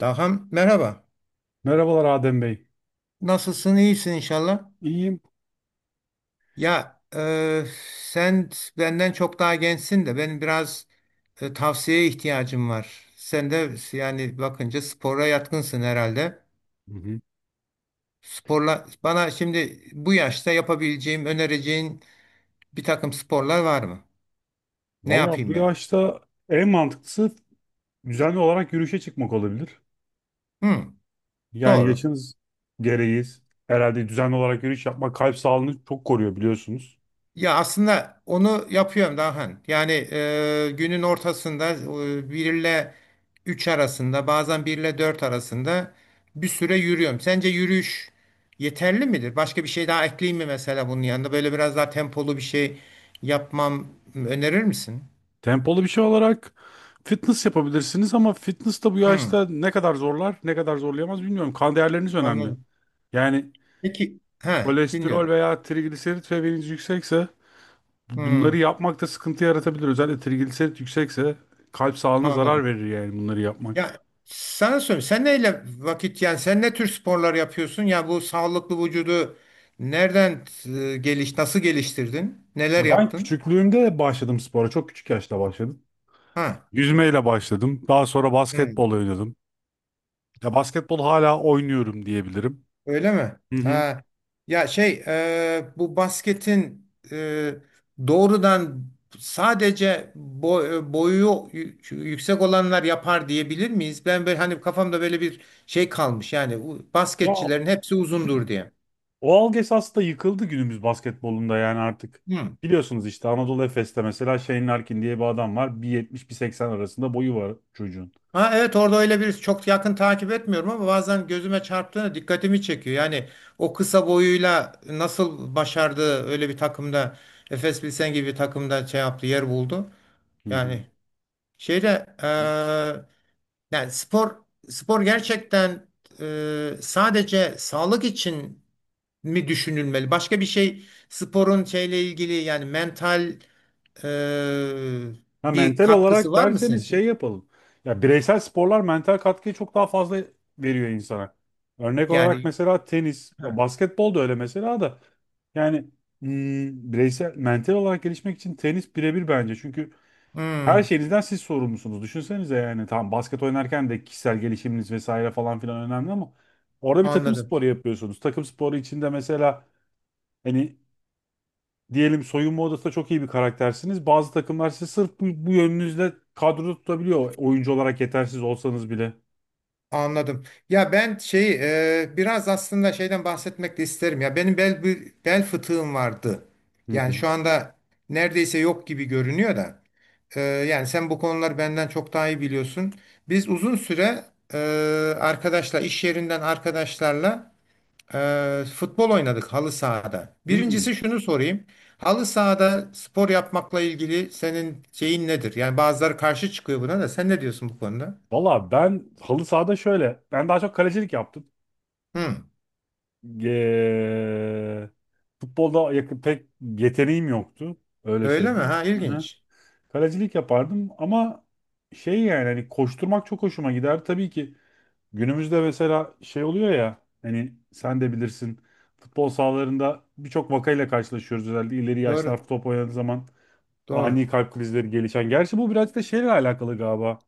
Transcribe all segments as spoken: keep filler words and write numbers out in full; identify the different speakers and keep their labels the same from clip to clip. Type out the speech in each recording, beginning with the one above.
Speaker 1: Daham merhaba.
Speaker 2: Merhabalar Adem Bey.
Speaker 1: Nasılsın? İyisin inşallah.
Speaker 2: İyiyim.
Speaker 1: Ya e, sen benden çok daha gençsin de benim biraz e, tavsiyeye ihtiyacım var. Sen de yani bakınca spora yatkınsın herhalde.
Speaker 2: Hı hı.
Speaker 1: Sporla bana şimdi bu yaşta yapabileceğim, önereceğin bir takım sporlar var mı? Ne
Speaker 2: Valla bu
Speaker 1: yapayım ben?
Speaker 2: yaşta en mantıklısı düzenli olarak yürüyüşe çıkmak olabilir.
Speaker 1: Hı,
Speaker 2: Yani
Speaker 1: doğru.
Speaker 2: yaşınız gereği herhalde düzenli olarak yürüyüş yapmak kalp sağlığını çok koruyor biliyorsunuz.
Speaker 1: Ya aslında onu yapıyorum Dahan. Yani e, günün ortasında e, bir ile üç arasında bazen bir ile dört arasında bir süre yürüyorum. Sence yürüyüş yeterli midir? Başka bir şey daha ekleyeyim mi mesela bunun yanında? Böyle biraz daha tempolu bir şey yapmam önerir misin?
Speaker 2: Tempolu bir şey olarak fitness yapabilirsiniz ama fitness da bu
Speaker 1: Hmm,
Speaker 2: yaşta ne kadar zorlar, ne kadar zorlayamaz bilmiyorum. Kan değerleriniz önemli.
Speaker 1: anladım.
Speaker 2: Yani
Speaker 1: Peki, ha,
Speaker 2: kolesterol
Speaker 1: dinliyorum.
Speaker 2: veya trigliserit seviyeniz yüksekse
Speaker 1: Hmm,
Speaker 2: bunları yapmakta sıkıntı yaratabilir. Özellikle trigliserit yüksekse kalp sağlığına zarar
Speaker 1: anladım.
Speaker 2: verir yani bunları yapmak.
Speaker 1: Ya sana söyleyeyim. Sen neyle vakit yani sen ne tür sporlar yapıyorsun? Ya bu sağlıklı vücudu nereden e, geliş nasıl geliştirdin? Neler
Speaker 2: Ya ben
Speaker 1: yaptın?
Speaker 2: küçüklüğümde başladım spora. Çok küçük yaşta başladım.
Speaker 1: Ha.
Speaker 2: Yüzmeyle başladım. Daha sonra
Speaker 1: Hı.
Speaker 2: basketbol oynadım. Ya basketbol hala oynuyorum diyebilirim.
Speaker 1: Öyle mi?
Speaker 2: Hı hı.
Speaker 1: Ha. Ya şey e, bu basketin e, doğrudan sadece bo- e, boyu yü- yüksek olanlar yapar diyebilir miyiz? Ben böyle hani kafamda böyle bir şey kalmış yani bu
Speaker 2: Ya
Speaker 1: basketçilerin hepsi uzundur diye.
Speaker 2: o algı esasında yıkıldı günümüz basketbolunda yani artık.
Speaker 1: Hı.
Speaker 2: Biliyorsunuz işte Anadolu Efes'te mesela Shane Larkin diye bir adam var. bir bir bir seksen arasında boyu var çocuğun.
Speaker 1: Ha evet orada öyle bir çok yakın takip etmiyorum ama bazen gözüme çarptığında dikkatimi çekiyor. Yani o kısa boyuyla nasıl başardı öyle bir takımda Efes Pilsen gibi bir takımda şey yaptı yer buldu.
Speaker 2: Hı
Speaker 1: Yani şeyde
Speaker 2: hı.
Speaker 1: eee, yani spor spor gerçekten eee, sadece sağlık için mi düşünülmeli? Başka bir şey sporun şeyle ilgili yani mental eee,
Speaker 2: Ha,
Speaker 1: bir
Speaker 2: mental
Speaker 1: katkısı
Speaker 2: olarak
Speaker 1: var mı senin
Speaker 2: derseniz şey
Speaker 1: için?
Speaker 2: yapalım. Ya bireysel sporlar mental katkıyı çok daha fazla veriyor insana. Örnek olarak
Speaker 1: Yani
Speaker 2: mesela tenis,
Speaker 1: ha,
Speaker 2: basketbol da öyle mesela da. Yani hmm, bireysel, mental olarak gelişmek için tenis birebir bence. Çünkü her
Speaker 1: hmm,
Speaker 2: şeyinizden siz sorumlusunuz. Düşünsenize yani tamam basket oynarken de kişisel gelişiminiz vesaire falan filan önemli ama orada bir takım
Speaker 1: anladım.
Speaker 2: sporu yapıyorsunuz. Takım sporu içinde mesela hani diyelim soyunma odasında çok iyi bir karaktersiniz. Bazı takımlar sizi sırf bu, bu yönünüzle kadroda tutabiliyor. Oyuncu olarak yetersiz olsanız bile.
Speaker 1: Anladım. Ya ben şey e, biraz aslında şeyden bahsetmek de isterim. Ya benim bel bel fıtığım vardı.
Speaker 2: Hı
Speaker 1: Yani
Speaker 2: hı.
Speaker 1: şu anda neredeyse yok gibi görünüyor da. E, yani sen bu konuları benden çok daha iyi biliyorsun. Biz uzun süre e, arkadaşlar iş yerinden arkadaşlarla e, futbol oynadık halı sahada.
Speaker 2: Hmm.
Speaker 1: Birincisi şunu sorayım. Halı sahada spor yapmakla ilgili senin şeyin nedir? Yani bazıları karşı çıkıyor buna da. Sen ne diyorsun bu konuda?
Speaker 2: Valla ben halı sahada şöyle. Ben daha çok kalecilik yaptım.
Speaker 1: Hı.
Speaker 2: Eee, Futbolda yakın, pek yeteneğim yoktu. Öyle
Speaker 1: Öyle mi?
Speaker 2: söyleyeyim.
Speaker 1: Ha
Speaker 2: Hı hı.
Speaker 1: ilginç.
Speaker 2: Kalecilik yapardım ama şey yani hani koşturmak çok hoşuma gider. Tabii ki günümüzde mesela şey oluyor ya hani sen de bilirsin futbol sahalarında birçok vakayla karşılaşıyoruz özellikle ileri
Speaker 1: Doğru.
Speaker 2: yaşlar top oynadığı zaman
Speaker 1: Doğru.
Speaker 2: ani kalp krizleri gelişen. Gerçi bu biraz da şeyle alakalı galiba.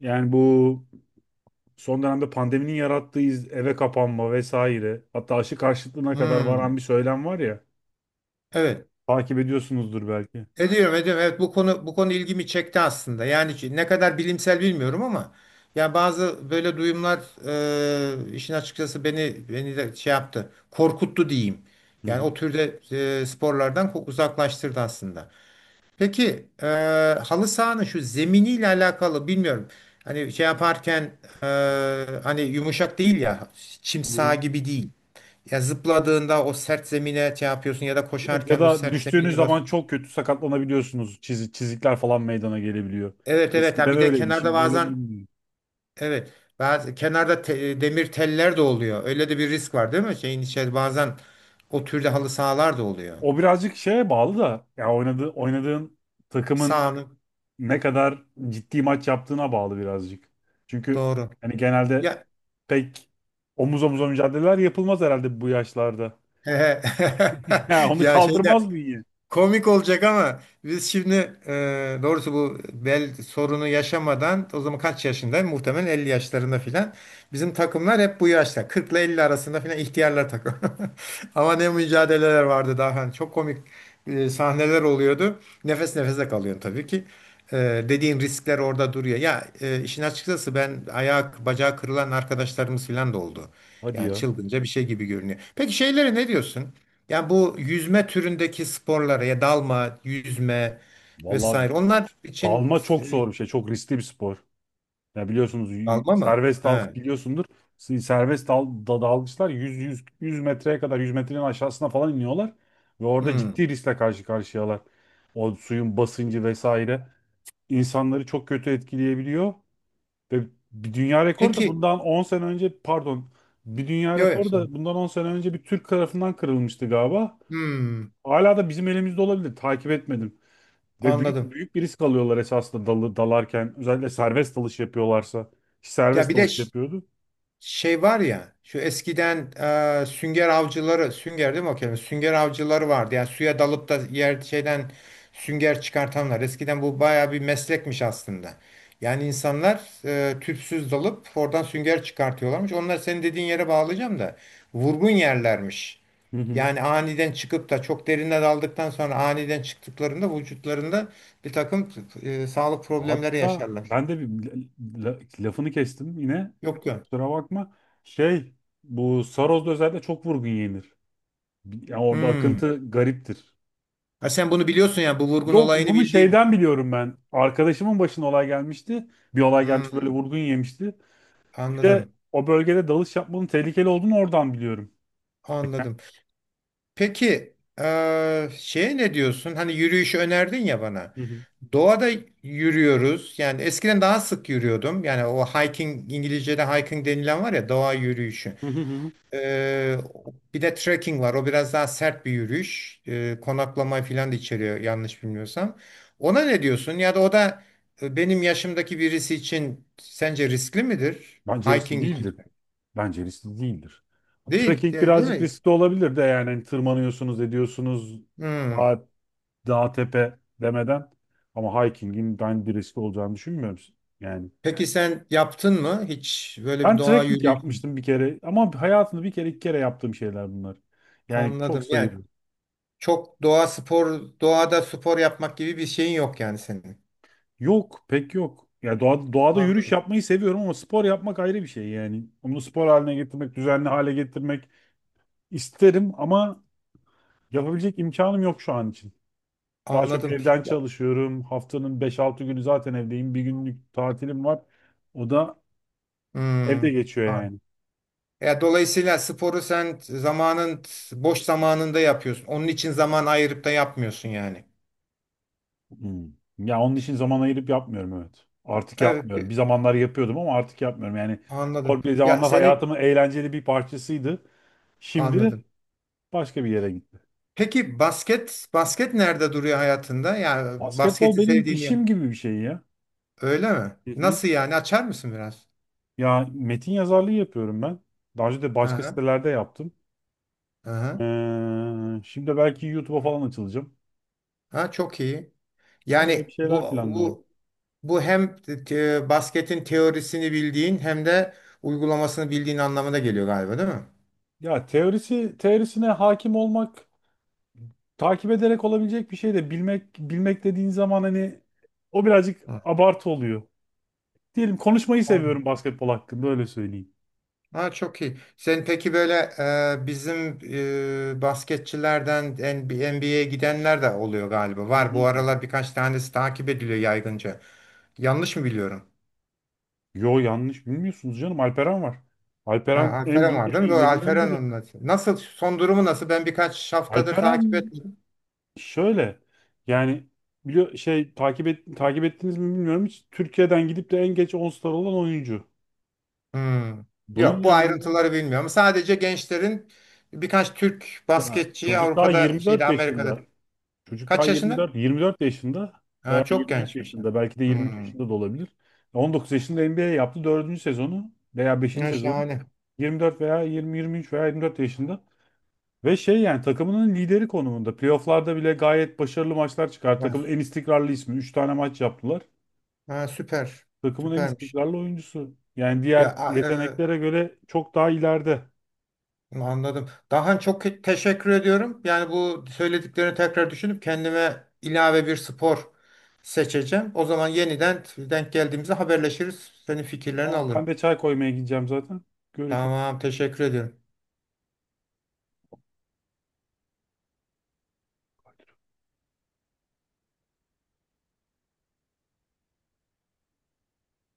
Speaker 2: Yani bu son dönemde pandeminin yarattığı iz- eve kapanma vesaire hatta aşı karşıtlığına kadar varan
Speaker 1: Hmm,
Speaker 2: bir söylem var ya
Speaker 1: evet.
Speaker 2: takip ediyorsunuzdur belki.
Speaker 1: Ediyorum, ediyorum. Evet bu konu bu konu ilgimi çekti aslında. Yani ki ne kadar bilimsel bilmiyorum ama ya bazı böyle duyumlar e, işin açıkçası beni beni de şey yaptı. Korkuttu diyeyim.
Speaker 2: Hı
Speaker 1: Yani o
Speaker 2: hı.
Speaker 1: türde e, sporlardan ko- uzaklaştırdı aslında. Peki e, halı sahanın şu zeminiyle alakalı bilmiyorum. Hani şey yaparken e, hani yumuşak değil ya çim
Speaker 2: Hı
Speaker 1: saha
Speaker 2: hı.
Speaker 1: gibi değil. Ya zıpladığında o sert zemine şey yapıyorsun ya da
Speaker 2: Evet, ya
Speaker 1: koşarken o
Speaker 2: da
Speaker 1: sert
Speaker 2: düştüğünüz
Speaker 1: zemine
Speaker 2: zaman
Speaker 1: basıyorsun.
Speaker 2: çok kötü sakatlanabiliyorsunuz. Çiz- çizikler falan meydana gelebiliyor.
Speaker 1: Evet evet ha
Speaker 2: Eskiden
Speaker 1: bir de
Speaker 2: öyleydi,
Speaker 1: kenarda
Speaker 2: şimdi öyle mi
Speaker 1: bazen
Speaker 2: bilmiyorum.
Speaker 1: evet bazı kenarda te- demir teller de oluyor. Öyle de bir risk var değil mi? Şeyin içeri bazen o türde halı sahalar da oluyor.
Speaker 2: O birazcık şeye bağlı da ya oynadığı oynadığın takımın
Speaker 1: Sahanın
Speaker 2: ne kadar ciddi maç yaptığına bağlı birazcık. Çünkü
Speaker 1: doğru.
Speaker 2: hani genelde
Speaker 1: Ya
Speaker 2: pek omuz omuza mücadeleler yapılmaz herhalde bu yaşlarda. Ya onu
Speaker 1: ya şeyde
Speaker 2: kaldırmaz bünye.
Speaker 1: komik olacak ama biz şimdi e, doğrusu bu bel sorunu yaşamadan o zaman kaç yaşında? Muhtemelen elli yaşlarında filan. Bizim takımlar hep bu yaşta. Kırk ile elli arasında filan ihtiyarlar takım. Ama ne mücadeleler vardı daha. Hani çok komik e, sahneler oluyordu. Nefes nefese kalıyorsun tabii ki. E, Dediğin riskler orada duruyor. Ya e, işin açıkçası ben ayak, bacağı kırılan arkadaşlarımız filan da oldu.
Speaker 2: Hadi
Speaker 1: Yani
Speaker 2: ya.
Speaker 1: çılgınca bir şey gibi görünüyor. Peki şeylere ne diyorsun? Yani bu yüzme türündeki sporlara ya dalma, yüzme
Speaker 2: Vallahi
Speaker 1: vesaire onlar için
Speaker 2: dalma
Speaker 1: e,
Speaker 2: çok zor bir şey. Çok riskli bir spor. Ya biliyorsunuz y-
Speaker 1: dalma mı?
Speaker 2: serbest dal
Speaker 1: He.
Speaker 2: biliyorsundur. s- Serbest dal da- dalgıçlar yüz yüz yüz metreye kadar yüz metrenin aşağısına falan iniyorlar ve orada
Speaker 1: Hmm.
Speaker 2: ciddi riskle karşı karşıyalar. O suyun basıncı vesaire insanları çok kötü etkileyebiliyor ve bir dünya rekoru da
Speaker 1: Peki.
Speaker 2: bundan on sene önce pardon bir dünya
Speaker 1: Yok.
Speaker 2: rekoru
Speaker 1: Yok.
Speaker 2: da bundan on sene önce bir Türk tarafından kırılmıştı galiba.
Speaker 1: Hmm,
Speaker 2: Hala da bizim elimizde olabilir. Takip etmedim. Ve büyük
Speaker 1: anladım.
Speaker 2: büyük bir risk alıyorlar esasında dalı, dalarken. Özellikle serbest dalış yapıyorlarsa. Ki
Speaker 1: Ya
Speaker 2: serbest
Speaker 1: bir de
Speaker 2: dalış
Speaker 1: ş-
Speaker 2: yapıyordu.
Speaker 1: şey var ya şu eskiden e, sünger avcıları sünger değil mi o kelime sünger avcıları vardı yani suya dalıp da yer şeyden sünger çıkartanlar eskiden bu baya bir meslekmiş aslında yani insanlar e, tüpsüz dalıp oradan sünger çıkartıyorlarmış onlar senin dediğin yere bağlayacağım da vurgun yerlermiş
Speaker 2: Hı hı.
Speaker 1: yani aniden çıkıp da çok derine daldıktan sonra aniden çıktıklarında vücutlarında bir takım e, sağlık problemleri
Speaker 2: Hatta
Speaker 1: yaşarlar
Speaker 2: ben de bir la- la- lafını kestim yine.
Speaker 1: yok yok.
Speaker 2: Kusura bakma. Şey, bu Saros'da özellikle çok vurgun yenir. Yani orada
Speaker 1: Hmm.
Speaker 2: akıntı gariptir.
Speaker 1: Ha sen bunu biliyorsun yani bu vurgun
Speaker 2: Yok
Speaker 1: olayını
Speaker 2: bunu
Speaker 1: bildiğin.
Speaker 2: şeyden biliyorum ben. Arkadaşımın başına olay gelmişti. Bir olay gelmişti, böyle
Speaker 1: Hmm,
Speaker 2: vurgun yemişti. Bir de
Speaker 1: anladım.
Speaker 2: o bölgede dalış yapmanın tehlikeli olduğunu oradan biliyorum.
Speaker 1: Anladım. Peki eee şeye ne diyorsun? Hani yürüyüşü önerdin ya bana.
Speaker 2: Hı hı.
Speaker 1: Doğada yürüyoruz. Yani eskiden daha sık yürüyordum. Yani o hiking İngilizce'de hiking denilen var ya doğa yürüyüşü.
Speaker 2: Hı hı hı. hı.
Speaker 1: Eee, bir de trekking var. O biraz daha sert bir yürüyüş. Eee konaklama falan da içeriyor yanlış bilmiyorsam. Ona ne diyorsun? Ya da o da e, benim yaşımdaki birisi için sence riskli midir?
Speaker 2: Bence riskli
Speaker 1: Hiking için.
Speaker 2: değildi. Bence riskli değildir.
Speaker 1: Değil,
Speaker 2: Trekking
Speaker 1: değil, değil
Speaker 2: birazcık
Speaker 1: mi?
Speaker 2: riskli olabilir de yani hani tırmanıyorsunuz ediyorsunuz
Speaker 1: Hmm.
Speaker 2: dağ, dağ tepe demeden ama hiking'in ben bir riskli olacağını düşünmüyorum. Yani
Speaker 1: Peki sen yaptın mı hiç böyle bir
Speaker 2: ben
Speaker 1: doğa
Speaker 2: trekking
Speaker 1: yürüyüşü?
Speaker 2: yapmıştım bir kere ama hayatımda bir kere iki kere yaptığım şeyler bunlar. Yani çok
Speaker 1: Anladım. Yani
Speaker 2: sayılı.
Speaker 1: çok doğa spor, doğada spor yapmak gibi bir şeyin yok yani senin.
Speaker 2: Yok pek yok. Ya doğa, doğada yürüyüş
Speaker 1: Anladım.
Speaker 2: yapmayı seviyorum ama spor yapmak ayrı bir şey yani. Onu spor haline getirmek, düzenli hale getirmek isterim ama yapabilecek imkanım yok şu an için. Daha çok
Speaker 1: Anladım.
Speaker 2: evden
Speaker 1: Ya-
Speaker 2: çalışıyorum. Haftanın beş altı günü zaten evdeyim. Bir günlük tatilim var. O da evde
Speaker 1: hmm.
Speaker 2: geçiyor
Speaker 1: An-
Speaker 2: yani.
Speaker 1: ya dolayısıyla sporu sen zamanın boş zamanında yapıyorsun. Onun için zaman ayırıp da yapmıyorsun yani.
Speaker 2: Hmm. Ya onun için zaman ayırıp yapmıyorum, evet. Artık
Speaker 1: Evet,
Speaker 2: yapmıyorum.
Speaker 1: pe-
Speaker 2: Bir zamanlar yapıyordum ama artık yapmıyorum. Yani
Speaker 1: anladım.
Speaker 2: spor bir
Speaker 1: Ya
Speaker 2: zamanlar
Speaker 1: seni
Speaker 2: hayatımın eğlenceli bir parçasıydı. Şimdi
Speaker 1: anladım.
Speaker 2: başka bir yere gitti.
Speaker 1: Peki basket basket nerede duruyor hayatında? Yani
Speaker 2: Basketbol
Speaker 1: basketi
Speaker 2: benim
Speaker 1: sevdiğini
Speaker 2: işim gibi bir şey ya.
Speaker 1: öyle mi?
Speaker 2: Hı hı.
Speaker 1: Nasıl yani? Açar mısın biraz?
Speaker 2: Ya metin yazarlığı yapıyorum ben. Daha önce de
Speaker 1: Hı
Speaker 2: başka
Speaker 1: hı.
Speaker 2: sitelerde yaptım.
Speaker 1: Hı hı.
Speaker 2: Ee, şimdi belki YouTube'a falan açılacağım.
Speaker 1: Ha, çok iyi.
Speaker 2: Öyle bir
Speaker 1: Yani bu
Speaker 2: şeyler planlıyorum.
Speaker 1: bu bu hem te- basketin teorisini bildiğin hem de uygulamasını bildiğin anlamına geliyor galiba, değil mi?
Speaker 2: Ya teorisi teorisine hakim olmak takip ederek olabilecek bir şey, de bilmek bilmek dediğin zaman hani o birazcık
Speaker 1: Hı.
Speaker 2: abartı oluyor. Diyelim konuşmayı
Speaker 1: Anladım.
Speaker 2: seviyorum basketbol hakkında, öyle söyleyeyim.
Speaker 1: Ha, çok iyi. Sen peki böyle e, bizim e, basketçilerden N B A'ye gidenler de oluyor galiba.
Speaker 2: Hı
Speaker 1: Var
Speaker 2: hı.
Speaker 1: bu aralar birkaç tanesi takip ediliyor yaygınca. Yanlış mı biliyorum?
Speaker 2: Yo yanlış bilmiyorsunuz, canım Alperen var.
Speaker 1: Ha,
Speaker 2: Alperen en,
Speaker 1: Alperen
Speaker 2: bi-
Speaker 1: var
Speaker 2: en
Speaker 1: değil mi? Doğru
Speaker 2: iyilerinden
Speaker 1: Alperen
Speaker 2: biri.
Speaker 1: onunla. Nasıl son durumu nasıl? Ben birkaç haftadır takip
Speaker 2: Alperen
Speaker 1: etmedim.
Speaker 2: şöyle yani biliyor şey takip et, takip ettiniz mi bilmiyorum hiç Türkiye'den gidip de en geç on star olan oyuncu.
Speaker 1: Hmm.
Speaker 2: Bunun
Speaker 1: Yok bu
Speaker 2: yanında
Speaker 1: ayrıntıları bilmiyorum. Sadece gençlerin birkaç Türk
Speaker 2: ya
Speaker 1: basketçiyi
Speaker 2: çocuk daha
Speaker 1: Avrupa'da şeyde
Speaker 2: yirmi dört
Speaker 1: Amerika'da.
Speaker 2: yaşında. Çocuk daha
Speaker 1: Kaç yaşında?
Speaker 2: yirmi dört, yirmi dört yaşında veya
Speaker 1: Ha, çok
Speaker 2: yirmi üç
Speaker 1: gençmiş ya.
Speaker 2: yaşında, belki de yirmi üç
Speaker 1: Hmm.
Speaker 2: yaşında da olabilir. on dokuz yaşında N B A yaptı dördüncü sezonu veya beşinci
Speaker 1: Ya,
Speaker 2: sezonu.
Speaker 1: şahane.
Speaker 2: yirmi dört veya yirmi, yirmi üç veya yirmi dört yaşında. Ve şey yani takımının lideri konumunda. Playoff'larda bile gayet başarılı maçlar çıkar.
Speaker 1: Ha,
Speaker 2: Takımın
Speaker 1: sü-
Speaker 2: en istikrarlı ismi. Üç tane maç yaptılar.
Speaker 1: ha, süper.
Speaker 2: Takımın en
Speaker 1: Süpermiş.
Speaker 2: istikrarlı oyuncusu. Yani
Speaker 1: Ya
Speaker 2: diğer
Speaker 1: a- e,
Speaker 2: yeteneklere göre çok daha ileride.
Speaker 1: anladım. Daha çok ke- teşekkür ediyorum. Yani bu söylediklerini tekrar düşünüp kendime ilave bir spor seçeceğim. O zaman yeniden denk geldiğimizde haberleşiriz. Senin fikirlerini
Speaker 2: Tamam, ben
Speaker 1: alırım.
Speaker 2: de çay koymaya gideceğim zaten. Görüşürüz.
Speaker 1: Tamam, teşekkür ediyorum.